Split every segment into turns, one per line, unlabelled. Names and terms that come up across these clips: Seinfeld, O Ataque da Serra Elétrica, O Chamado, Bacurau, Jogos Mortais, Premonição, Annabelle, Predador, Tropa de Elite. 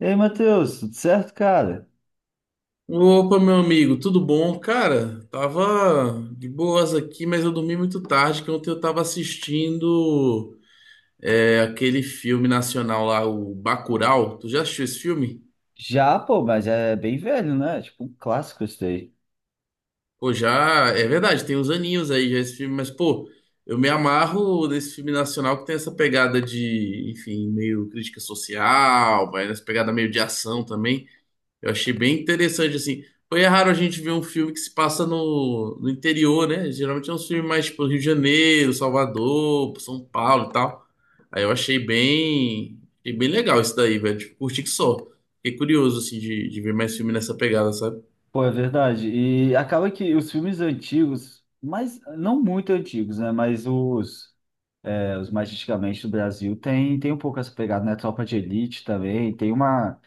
E aí, Matheus, tudo certo, cara?
Opa, meu amigo, tudo bom? Cara, tava de boas aqui, mas eu dormi muito tarde, que ontem eu tava assistindo aquele filme nacional lá, o Bacurau. Tu já assistiu esse filme?
Já, pô, mas é bem velho, né? Tipo, um clássico esse daí.
Pô, já, é verdade, tem uns aninhos aí já esse filme, mas pô, eu me amarro nesse filme nacional que tem essa pegada de, enfim, meio crítica social, vai nessa pegada meio de ação também. Eu achei bem interessante, assim. Foi raro a gente ver um filme que se passa no interior, né? Geralmente é um filme mais tipo Rio de Janeiro, Salvador, São Paulo e tal. Aí eu achei bem legal isso daí, velho. Tipo, curti que só. Fiquei curioso, assim, de ver mais filme nessa pegada, sabe?
Pô, é verdade. E acaba que os filmes antigos, mas não muito antigos, né? Mas os mais antigamente do Brasil tem um pouco essa pegada, né? Tropa de Elite também,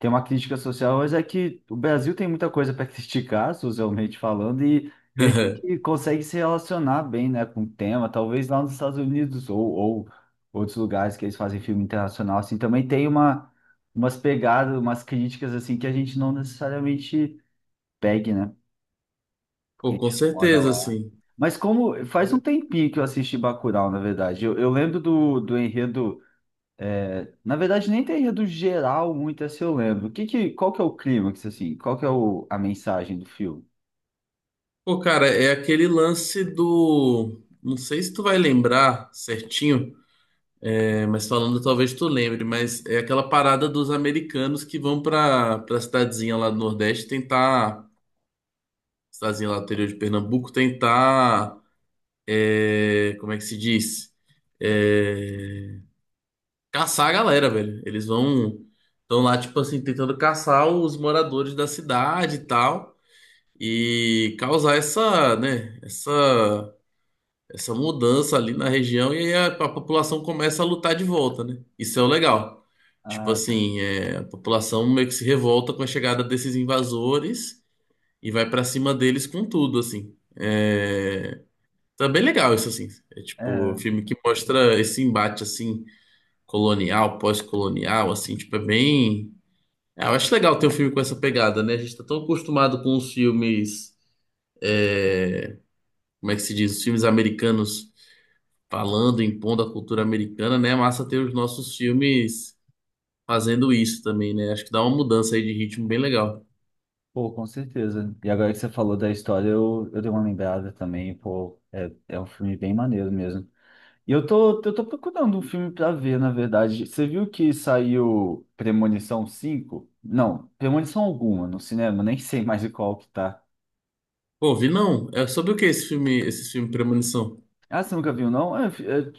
Tem uma crítica social, mas é que o Brasil tem muita coisa para criticar, socialmente falando, e a gente consegue se relacionar bem, né, com o tema. Talvez lá nos Estados Unidos ou outros lugares que eles fazem filme internacional, assim, também tem umas pegadas, umas críticas, assim, que a gente não necessariamente pegue, né, porque
Pô,
a
com
gente mora
certeza,
lá.
assim.
Mas como faz um tempinho que eu assisti Bacurau, na verdade. Eu lembro do enredo na verdade, nem teria do geral muito essa eu lembro. Qual que é o clímax, assim? Qual que é a mensagem do filme?
Pô, cara, é aquele lance do. Não sei se tu vai lembrar certinho. É, mas falando, talvez tu lembre, mas é aquela parada dos americanos que vão pra para cidadezinha lá do Nordeste tentar, cidadezinha lá do interior de Pernambuco, tentar, como é que se diz? É, caçar a galera, velho. Eles vão, estão lá, tipo assim, tentando caçar os moradores da cidade e tal, e causar essa, né, essa mudança ali na região e aí a população começa a lutar de volta, né? Isso é o legal. Tipo
Ah,
assim, é, a população meio que se revolta com a chegada desses invasores e vai pra cima deles com tudo, assim. É, tá bem legal isso, assim. É tipo um
é.
filme que mostra esse embate, assim, colonial, pós-colonial, assim, tipo, é bem... É, eu acho legal ter um filme com essa pegada, né? A gente tá tão acostumado com os filmes... é, como é que se diz? Os filmes americanos falando, impondo a cultura americana, né? É massa ter os nossos filmes fazendo isso também, né? Acho que dá uma mudança aí de ritmo bem legal.
Pô, com certeza. E agora que você falou da história, eu dei uma lembrada também. Pô, é um filme bem maneiro mesmo. E eu tô procurando um filme pra ver, na verdade. Você viu que saiu Premonição cinco? Não, Premonição alguma no cinema, nem sei mais de qual que tá.
Pô, vi não. É sobre o que esse filme Premonição?
Ah, você nunca viu, não? É,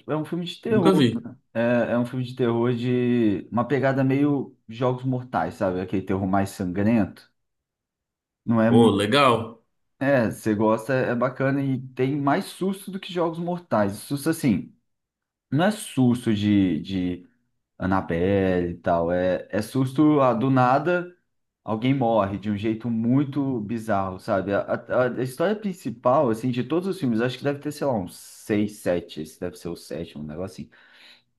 é é um filme de
Nunca
terror.
vi.
É um filme de terror de uma pegada meio Jogos Mortais, sabe? Aquele terror mais sangrento. Não é
Pô,
muito.
legal.
É, você gosta, é bacana e tem mais susto do que Jogos Mortais. Susto assim, não é susto de Annabelle e tal. É susto ah, do nada, alguém morre de um jeito muito bizarro, sabe? A história principal, assim, de todos os filmes, acho que deve ter, sei lá, uns seis, sete. Esse deve ser o sétimo, um negócio assim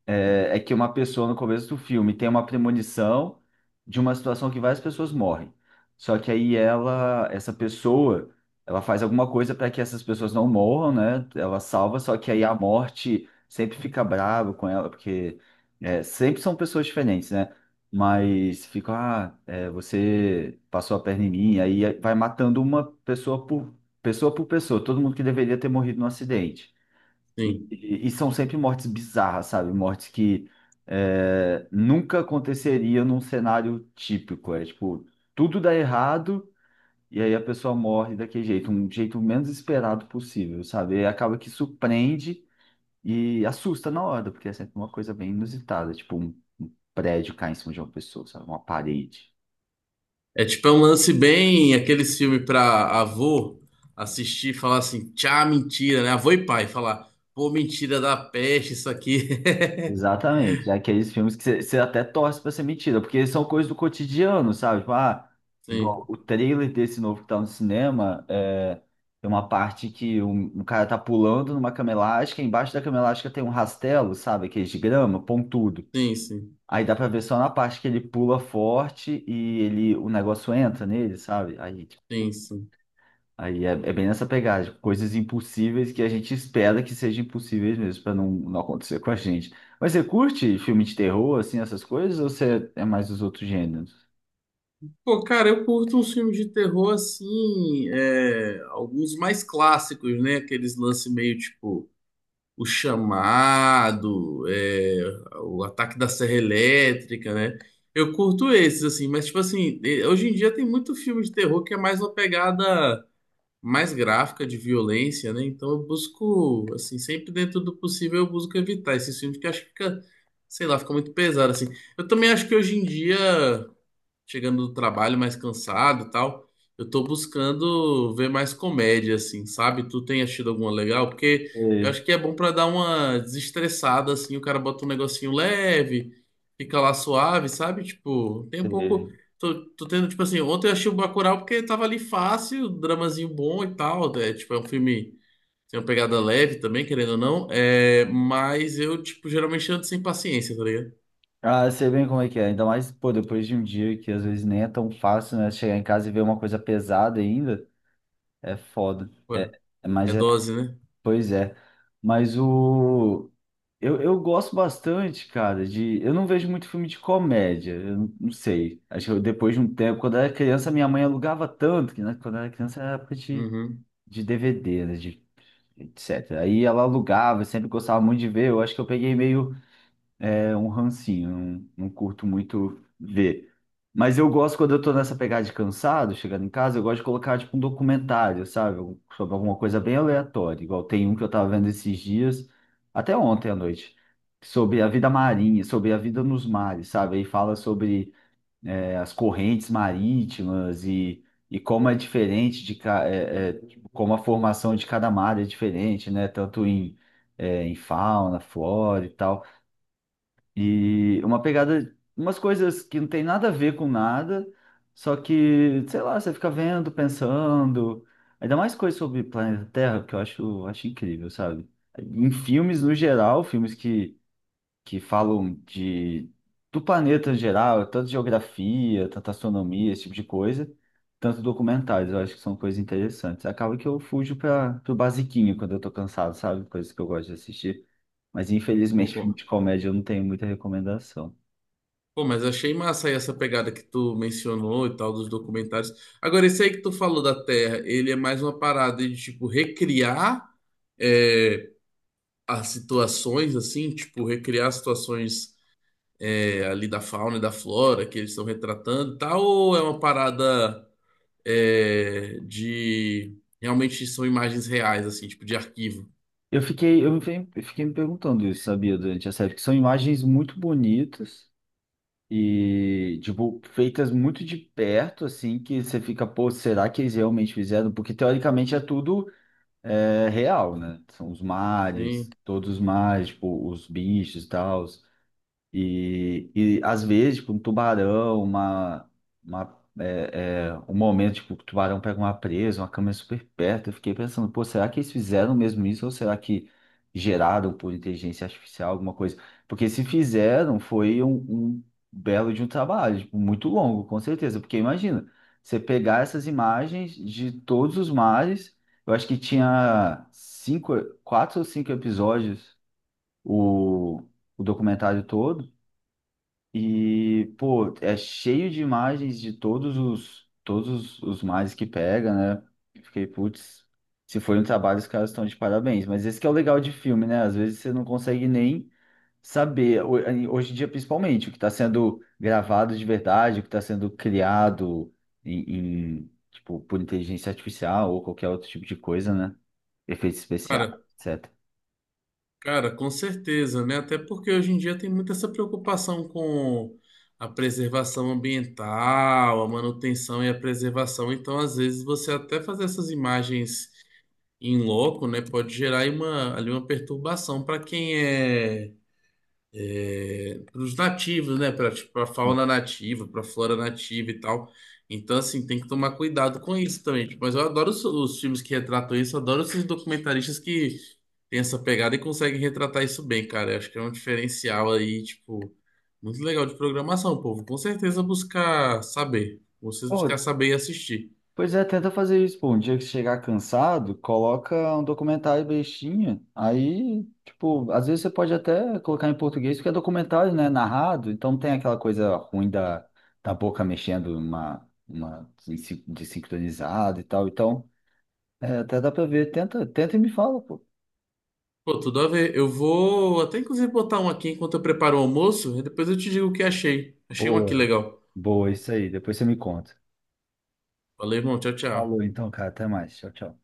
é que uma pessoa no começo do filme tem uma premonição de uma situação que várias pessoas morrem. Só que aí ela, essa pessoa, ela faz alguma coisa para que essas pessoas não morram, né? Ela salva, só que aí a morte sempre fica brava com ela, porque sempre são pessoas diferentes, né? Mas fica, ah, é, você passou a perna em mim, aí vai matando uma pessoa por pessoa por pessoa, todo mundo que deveria ter morrido no acidente. E,
Sim.
e são sempre mortes bizarras, sabe? Mortes que nunca aconteceria num cenário típico. É tipo, tudo dá errado e aí a pessoa morre daquele jeito, um jeito menos esperado possível, sabe? E acaba que surpreende e assusta na hora, porque é sempre uma coisa bem inusitada, tipo um prédio cair em cima de uma pessoa, sabe? Uma parede.
É tipo é um lance bem aqueles filmes pra avô assistir e falar assim, tchá, mentira, né? Avô e pai falar, pô, mentira da peste, isso aqui.
Exatamente. É aqueles filmes que você até torce pra ser mentira, porque são coisas do cotidiano, sabe? Tipo, ah, igual
Sim,
o trailer desse novo que tá no cinema, é, tem uma parte que um cara tá pulando numa cama elástica, embaixo da cama elástica tem um rastelo, sabe? Aqueles de grama, pontudo.
sim, sim,
Aí dá pra ver só na parte que ele pula forte e ele, o negócio entra nele, sabe? Aí,
sim, sim.
Aí é bem nessa pegada, tipo, coisas impossíveis que a gente espera que sejam impossíveis mesmo, pra não acontecer com a gente. Mas você curte filme de terror, assim, essas coisas, ou você é mais dos outros gêneros?
Pô, cara, eu curto uns filmes de terror assim, é, alguns mais clássicos, né? Aqueles lances meio tipo O Chamado, é, O Ataque da Serra Elétrica, né? Eu curto esses, assim, mas tipo assim, hoje em dia tem muito filme de terror que é mais uma pegada mais gráfica de violência, né? Então eu busco, assim, sempre dentro do possível eu busco evitar esses filmes que eu acho que fica, sei lá, fica muito pesado, assim. Eu também acho que hoje em dia chegando do trabalho mais cansado e tal. Eu tô buscando ver mais comédia, assim, sabe? Tu tem achado alguma legal? Porque eu
Sei,
acho que é bom pra dar uma desestressada, assim, o cara bota um negocinho leve, fica lá suave, sabe? Tipo, tem um
sei.
pouco. Tô tendo, tipo assim, ontem eu achei o Bacurau porque tava ali fácil, dramazinho bom e tal. É, tipo, é um filme. Tem uma pegada leve também, querendo ou não. É, mas eu, tipo, geralmente ando sem paciência, tá ligado?
Ah, sei bem como é que é. Ainda mais, pô, depois de um dia que às vezes nem é tão fácil, né? Chegar em casa e ver uma coisa pesada ainda, é foda.
Ué, é
Mas é
dose, né?
Pois é, mas eu gosto bastante, cara, de eu não vejo muito filme de comédia, eu não sei. Acho que eu, depois de um tempo, quando eu era criança, minha mãe alugava tanto, que né, quando eu era criança era época de,
Uhum.
de DVD, né, de etc. Aí ela alugava, eu sempre gostava muito de ver. Eu acho que eu peguei meio um rancinho, não curto muito ver. Mas eu gosto quando eu tô nessa pegada de cansado, chegando em casa, eu gosto de colocar tipo um documentário, sabe? Sobre alguma coisa bem aleatória. Igual tem um que eu tava vendo esses dias, até ontem à noite, sobre a vida marinha, sobre a vida nos mares, sabe? Aí fala sobre as correntes marítimas e como é diferente de ca- é, é, tipo, como a formação de cada mar é diferente, né? Tanto em fauna, flora e tal. E uma pegada, umas coisas que não tem nada a ver com nada, só que, sei lá, você fica vendo, pensando. Ainda mais coisas sobre planeta Terra, que eu acho, acho incrível, sabe? Em filmes no geral, filmes que falam de, do planeta em geral, tanto geografia, tanto astronomia, esse tipo de coisa, tanto documentários, eu acho que são coisas interessantes. Acaba que eu fujo para o basiquinho quando eu tô cansado, sabe? Coisas que eu gosto de assistir. Mas infelizmente filme
Pô,
de comédia eu não tenho muita recomendação.
Pô, mas achei massa aí essa pegada que tu mencionou e tal dos documentários. Agora, esse aí que tu falou da Terra, ele é mais uma parada de, tipo, recriar é, as situações, assim, tipo, recriar as situações ali da fauna e da flora que eles estão retratando e tal, ou é uma parada de... Realmente são imagens reais, assim, tipo, de arquivo?
Eu fiquei me perguntando isso, sabia, durante a série, porque são imagens muito bonitas e, tipo, feitas muito de perto, assim, que você fica, pô, será que eles realmente fizeram? Porque teoricamente é tudo real, né? São os
Sim.
mares, todos os mares, tipo, os bichos e tal. E às vezes, tipo, um tubarão, um momento, tipo, o tubarão pega uma presa, uma câmera super perto. Eu fiquei pensando, pô, será que eles fizeram mesmo isso ou será que geraram por inteligência artificial alguma coisa? Porque se fizeram, foi um, um belo de um trabalho, tipo, muito longo, com certeza. Porque imagina, você pegar essas imagens de todos os mares, eu acho que tinha cinco, quatro ou cinco episódios o, o documentário todo. E, pô, é cheio de imagens de todos os mares que pega, né? Eu fiquei, putz, se foi um trabalho, os caras estão de parabéns. Mas esse que é o legal de filme, né? Às vezes você não consegue nem saber, hoje em dia principalmente, o que está sendo gravado de verdade, o que está sendo criado em, tipo, por inteligência artificial ou qualquer outro tipo de coisa, né? Efeitos especiais,
cara
etc.
Cara, com certeza, né? Até porque hoje em dia tem muita essa preocupação com a preservação ambiental, a manutenção e a preservação. Então, às vezes, você até fazer essas imagens em loco, né, pode gerar aí uma, ali uma perturbação para quem é para os nativos, né? Para tipo, pra fauna nativa, para a flora nativa e tal. Então, assim, tem que tomar cuidado com isso também. Tipo, mas eu adoro os filmes que retratam isso, eu adoro esses documentaristas que têm essa pegada e conseguem retratar isso bem, cara. Eu acho que é um diferencial aí, tipo, muito legal de programação, povo. Com certeza buscar saber. Vocês buscar saber e assistir.
Pois é, tenta fazer isso, pô. Um dia que você chegar cansado, coloca um documentário bestinha. Aí, tipo, às vezes você pode até colocar em português, porque é documentário, né? Narrado, então não tem aquela coisa ruim da, da boca mexendo uma desincronizada e tal. Então, até dá pra ver. Tenta, tenta e me fala, pô.
Pô, tudo a ver. Eu vou até inclusive botar um aqui enquanto eu preparo o almoço, e depois eu te digo o que achei. Achei um aqui
Boa,
legal.
boa, isso aí. Depois você me conta.
Valeu, irmão. Tchau,
Falou
tchau.
então, cara. Até mais. Tchau, tchau.